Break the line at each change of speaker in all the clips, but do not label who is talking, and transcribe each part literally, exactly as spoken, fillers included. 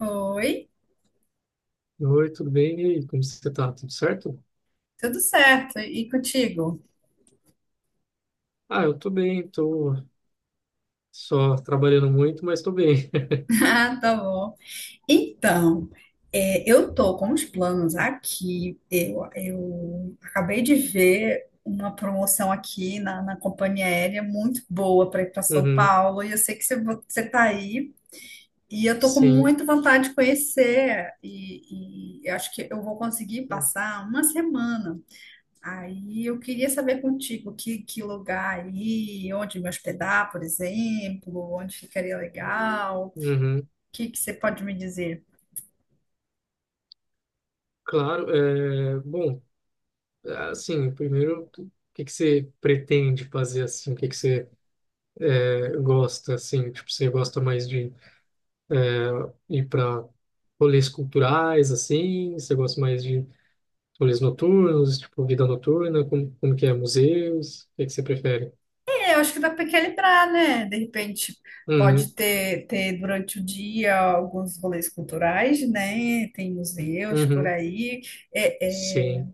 Oi,
Oi, tudo bem? E aí, como você tá? Tudo certo?
tudo certo? E contigo?
Ah, eu tô bem, tô só trabalhando muito, mas tô bem.
Ah, tá bom. Então, é, eu tô com os planos aqui. Eu, eu acabei de ver uma promoção aqui na, na companhia aérea muito boa para ir para São
Uhum,
Paulo. E eu sei que você, você tá aí. E eu tô com
sim.
muita vontade de conhecer. E, e eu acho que eu vou conseguir passar uma semana. Aí eu queria saber contigo que, que lugar aí, onde me hospedar, por exemplo, onde ficaria legal, o
Uhum,
que, que você pode me dizer?
claro, é, bom, assim, primeiro, o que que você pretende fazer, assim, o que que você é, gosta, assim, tipo, você gosta mais de ir para rolês culturais, assim, você gosta mais de rolês noturnos, tipo, vida noturna, como, como que é, museus, o que que você prefere?
É, eu acho que dá para equilibrar, né? De repente pode
Uhum,
ter, ter durante o dia alguns rolês culturais, né? Tem museus por
uhum,
aí. É, é,
sim,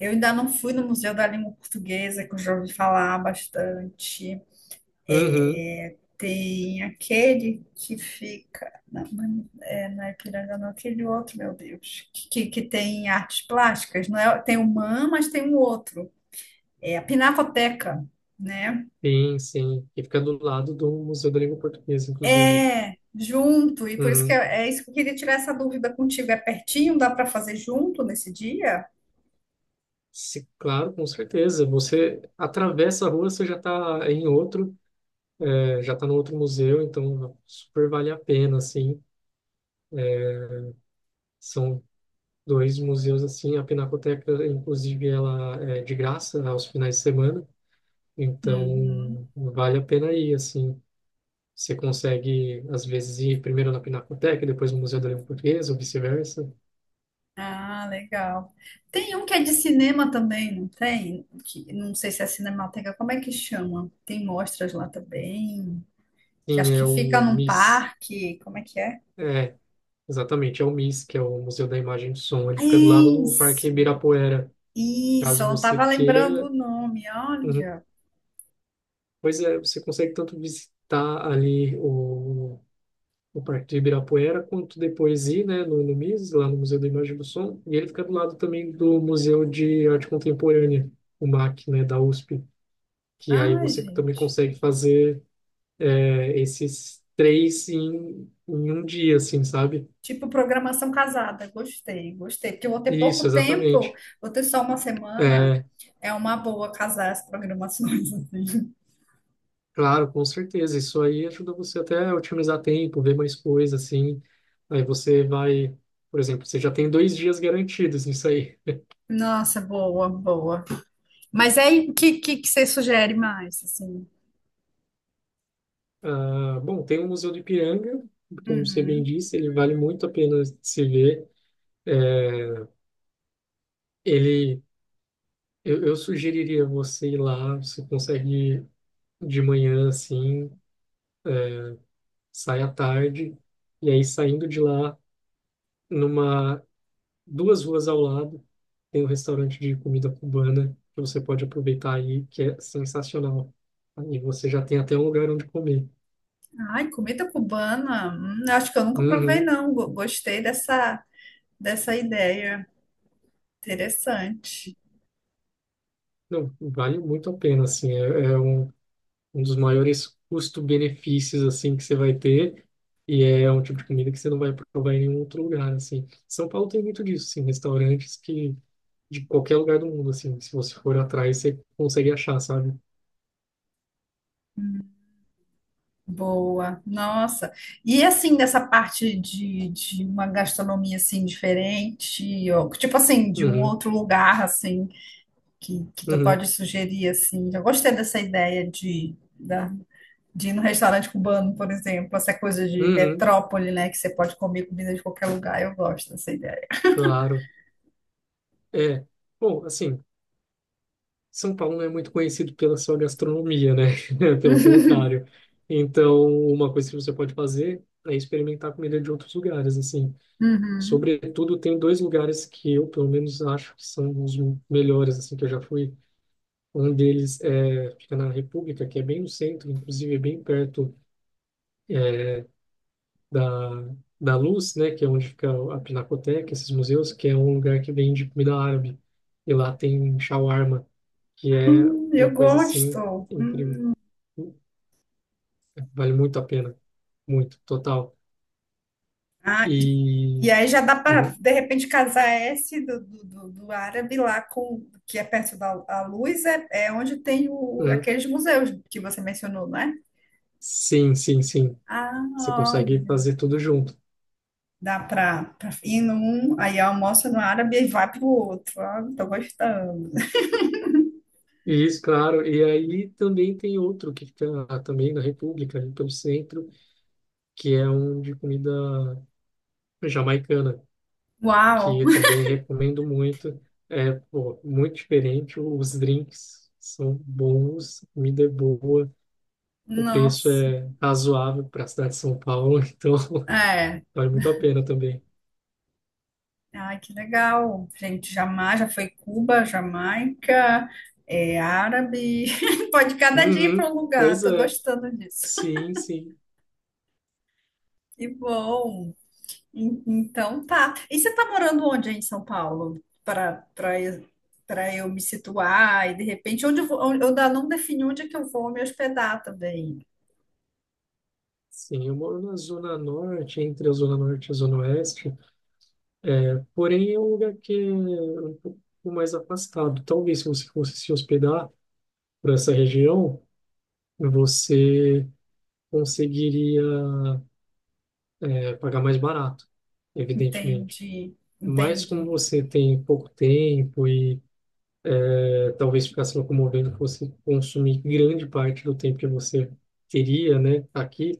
eu ainda não fui no Museu da Língua Portuguesa, que eu já ouvi falar bastante.
uhum.
É, tem aquele que fica. Não, mas é, não é Ipiranga, não, aquele outro, meu Deus. Que, que, que tem artes plásticas, não é? Tem o MAM, mas tem um outro. É a Pinacoteca, né?
Sim, sim. E fica do lado do Museu da Língua Portuguesa, inclusive.
É, junto. E por isso que
Uhum.
é, é isso que eu queria tirar essa dúvida contigo. É pertinho, dá para fazer junto nesse dia?
Se- claro, com certeza. Você atravessa a rua, você já está em outro, é, já está no outro museu, então super vale a pena, assim. São dois museus, assim. A Pinacoteca, inclusive, ela é de graça aos finais de semana,
Uhum.
então vale a pena ir, assim. Você consegue, às vezes, ir primeiro na Pinacoteca, depois no Museu da Língua Portuguesa, ou vice-versa.
Ah, legal. Tem um que é de cinema também, não tem? Que, não sei se é Cinemateca, como é que chama? Tem mostras lá também. Que
Sim,
acho que
é
fica
o
num
MIS.
parque, como é que é?
Exatamente, é o MIS, que é o Museu da Imagem e do Som.
Ah,
Ele fica do lado do Parque
Isso,
Ibirapuera.
isso,
Caso
eu não
você
estava lembrando o
queira.
nome,
Uhum.
olha.
Pois é, você consegue tanto visitar ali o, o Parque do Ibirapuera, quanto depois ir, né, no, no MIS, lá no Museu da Imagem e do Som. E ele fica do lado também do Museu de Arte Contemporânea, o MAC, né, da USP, que aí
Ai,
você também
gente.
consegue fazer é, esses três em, em um dia, assim, sabe?
Tipo programação casada, gostei, gostei. Porque eu vou ter
Isso,
pouco tempo,
exatamente.
vou ter só uma semana.
É,
É uma boa casar as programações, assim.
claro, com certeza. Isso aí ajuda você até a otimizar tempo, ver mais coisa assim. Aí você vai, por exemplo, você já tem dois dias garantidos nisso aí.
Nossa, boa, boa. Mas aí, o que, que, que você sugere mais, assim?
Ah, bom, tem o Museu do Ipiranga, como você bem
Uhum.
disse, ele vale muito a pena se ver. É, Ele, eu, eu sugeriria você ir lá, você consegue de manhã assim, sai à tarde, e aí saindo de lá, numa duas ruas ao lado tem um restaurante de comida cubana que você pode aproveitar aí, que é sensacional. Aí você já tem até um lugar onde comer.
Ai, comida cubana, hum, acho que eu nunca provei,
Uhum.
não. Go- Gostei dessa, dessa ideia. Interessante.
Não, vale muito a pena, assim, é, é um, um dos maiores custo-benefícios, assim, que você vai ter, e é um tipo de comida que você não vai provar em nenhum outro lugar, assim. São Paulo tem muito disso, assim, restaurantes que, de qualquer lugar do mundo, assim, se você for atrás, você consegue achar, sabe?
Boa. Nossa. E assim, dessa parte de, de uma gastronomia assim diferente, ou, tipo assim, de um
Uhum,
outro lugar assim que, que tu
uhum,
pode sugerir assim. Eu gostei dessa ideia de, da, de ir no restaurante cubano, por exemplo, essa coisa de
uhum,
metrópole, né, que você pode comer comida de qualquer lugar. Eu gosto dessa ideia.
claro. É, bom, assim, São Paulo não é muito conhecido pela sua gastronomia, né? Pelo contrário. Então, uma coisa que você pode fazer é experimentar comida de outros lugares, assim.
Uhum.
Sobretudo, tem dois lugares que eu, pelo menos, acho que são os melhores, assim, que eu já fui. Um deles é, fica na República, que é bem no centro, inclusive é bem perto é, da, da Luz, né? Que é onde fica a Pinacoteca, esses museus, que é um lugar que vende comida árabe. E lá tem shawarma, que
Ah,
é
eu
uma coisa, assim,
gosto.
incrível. Vale muito a pena, muito, total.
Ah,
E
e e aí já dá para,
hum,
de repente, casar esse do, do, do- do árabe lá com, que é perto da a luz, é, é onde tem o,
hum,
aqueles museus que você mencionou, né?
sim, sim, sim.
Ah,
Você
ó,
consegue fazer tudo junto.
dá para ir num, aí almoça no árabe e vai pro outro. Ah, tô gostando.
Isso, claro. E aí também tem outro que fica também na República, ali pelo centro, que é um de comida jamaicana,
Uau!
que eu também recomendo muito. É, pô, muito diferente. Os drinks são bons, a comida é boa, o preço
Nossa!
é razoável para a cidade de São Paulo, então
É.
vale muito a pena também.
Ai, que legal. Gente, jamais, já foi Cuba, Jamaica, é árabe. Pode cada dia ir
Uhum,
para um lugar,
pois
tô
é,
gostando disso.
sim, sim,
Que bom. En- Então tá. E você tá morando onde aí em São Paulo? Para para eu para eu me situar e de repente onde eu vou, onde- eu ainda não defini onde é que eu vou me hospedar também.
sim. Eu moro na Zona Norte, entre a Zona Norte e a Zona Oeste, porém é um lugar que é um pouco mais afastado. Talvez se você fosse se hospedar por essa região, você conseguiria é, pagar mais barato, evidentemente.
Entende?
Mas
Entende?
como você tem pouco tempo e é, talvez ficar se locomovendo fosse consumir grande parte do tempo que você teria, né, aqui.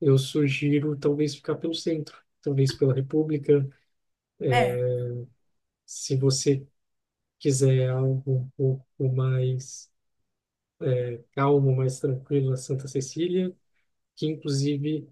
Eu sugiro talvez ficar pelo centro, talvez pela República,
É.
se você quiser algo um pouco mais calmo, mais tranquilo, a Santa Cecília, que inclusive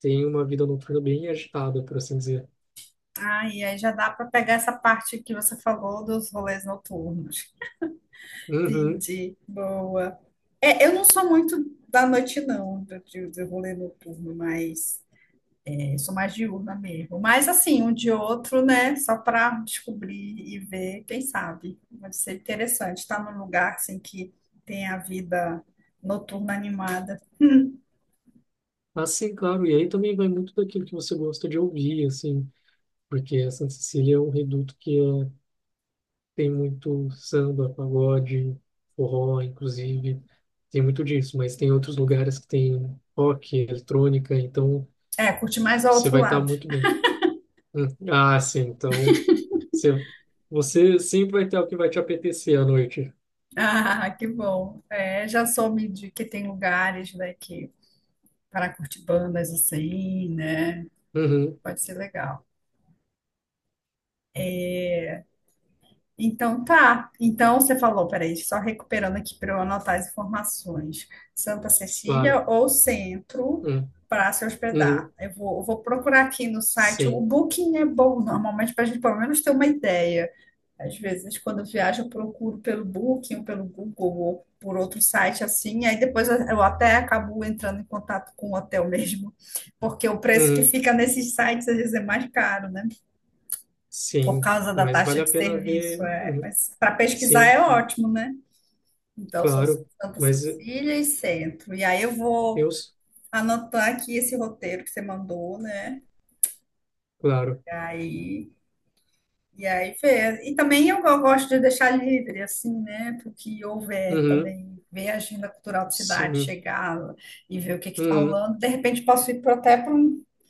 tem uma vida noturna bem agitada, por assim dizer.
Ah, e aí já dá para pegar essa parte que você falou dos rolês noturnos.
Uhum.
Entendi. Boa. É, eu não sou muito da noite, não, do, do do rolê noturno, mas eu sou mais diurna mesmo. Mas assim, um de outro, né? Só para descobrir e ver, quem sabe. Vai ser interessante estar num lugar assim que tem a vida noturna animada.
Assim, claro, e aí também vai muito daquilo que você gosta de ouvir, assim, porque a Santa Cecília é um reduto que é, tem muito samba, pagode, forró, inclusive, tem muito disso, mas tem outros lugares que tem rock, eletrônica, então
É, curte mais ao
você
outro
vai estar
lado.
muito bem. Hum. Ah, sim. Então, você, você sempre vai ter o que vai te apetecer à noite.
Ah, que bom. É, já soube de que tem lugares, né, que para curtir bandas assim, né?
Uhum,
Pode ser legal. Então tá. Então você falou, peraí, só recuperando aqui para eu anotar as informações. Santa Cecília
claro.
ou Centro
Hum,
para se hospedar.
uhum,
Eu vou, eu vou procurar aqui no site. O
sim.
Booking é bom normalmente para a gente pelo menos ter uma ideia. Às vezes, quando eu viajo, eu procuro pelo Booking, ou pelo Google, ou por outro site assim, aí depois eu eu até acabo entrando em contato com o hotel mesmo, porque o preço que
Uhum,
fica nesses sites às vezes é mais caro, né? Por
sim.
causa da
Mas
taxa
vale
de
a pena ver.
serviço. É.
Uhum,
Mas para pesquisar
sim,
é ótimo, né? Então, só
claro.
Santa
Mas
Cecília e Centro. E aí eu vou
eu,
anotar aqui esse roteiro que você mandou, né?
claro.
E aí, e aí ver. E também eu go- gosto de deixar livre, assim, né? Porque houver
Uhum,
também, ver a agenda cultural da cidade,
sim.
chegar e ver o que está
Uhum,
rolando. De repente posso ir pra- até para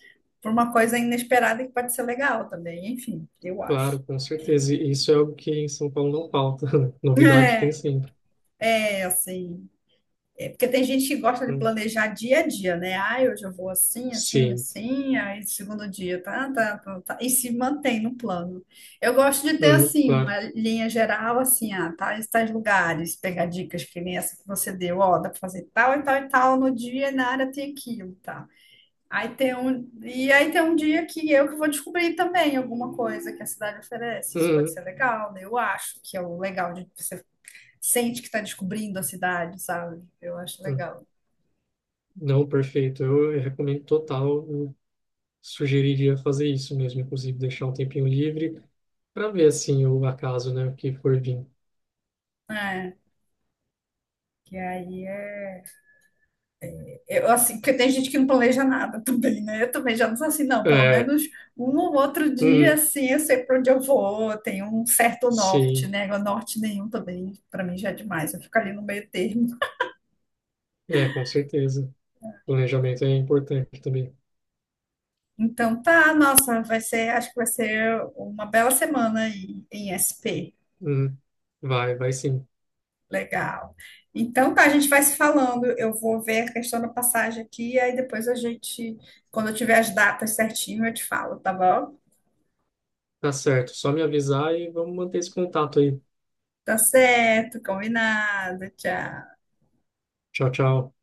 uma coisa inesperada que pode ser legal também. Enfim, eu acho.
claro, com certeza. E isso é algo que em São Paulo não falta. Novidade tem
É,
sempre.
é assim. É porque tem gente que gosta de
Hum,
planejar dia a dia, né? Ah, hoje eu vou assim, assim,
sim.
assim, aí segundo dia, tá, tá, tá, tá, e se mantém no plano. Eu gosto de ter,
Uhum,
assim,
claro.
uma linha geral, assim, ah, tais, tais lugares, pegar dicas que nem essa que você deu, ó, dá pra fazer tal e tal e tal no dia, e na área tem aquilo, tá? Aí tem um, e aí tem um dia que eu que vou descobrir também alguma coisa que a cidade oferece. Isso pode
Uhum,
ser legal, né? Eu acho que é o legal de você sente que está descobrindo a cidade, sabe? Eu acho
uhum.
legal.
Não, perfeito. Eu recomendo total. Sugeriria fazer isso mesmo, inclusive deixar um tempinho livre para ver assim o acaso, né, o que for vir.
É, que aí é. Eu, assim, porque tem gente que não planeja nada também, né? Eu também já não sou assim, não. Pelo
É,
menos um ou outro dia,
uhum,
assim, eu sei para onde eu vou, eu tenho um certo norte,
sim,
né? Agora, norte nenhum também, para mim já é demais, eu fico ali no meio termo.
é, com certeza. Planejamento é importante também.
Então, tá, nossa, vai ser, acho que vai ser uma bela semana aí em S P.
Uhum, vai, vai sim.
Legal. Então, tá, a gente vai se falando. Eu vou ver a questão da passagem aqui, aí depois a gente, quando eu tiver as datas certinho, eu te falo, tá bom?
Tá certo, só me avisar e vamos manter esse contato aí.
Tá certo, combinado. Tchau.
Tchau, tchau.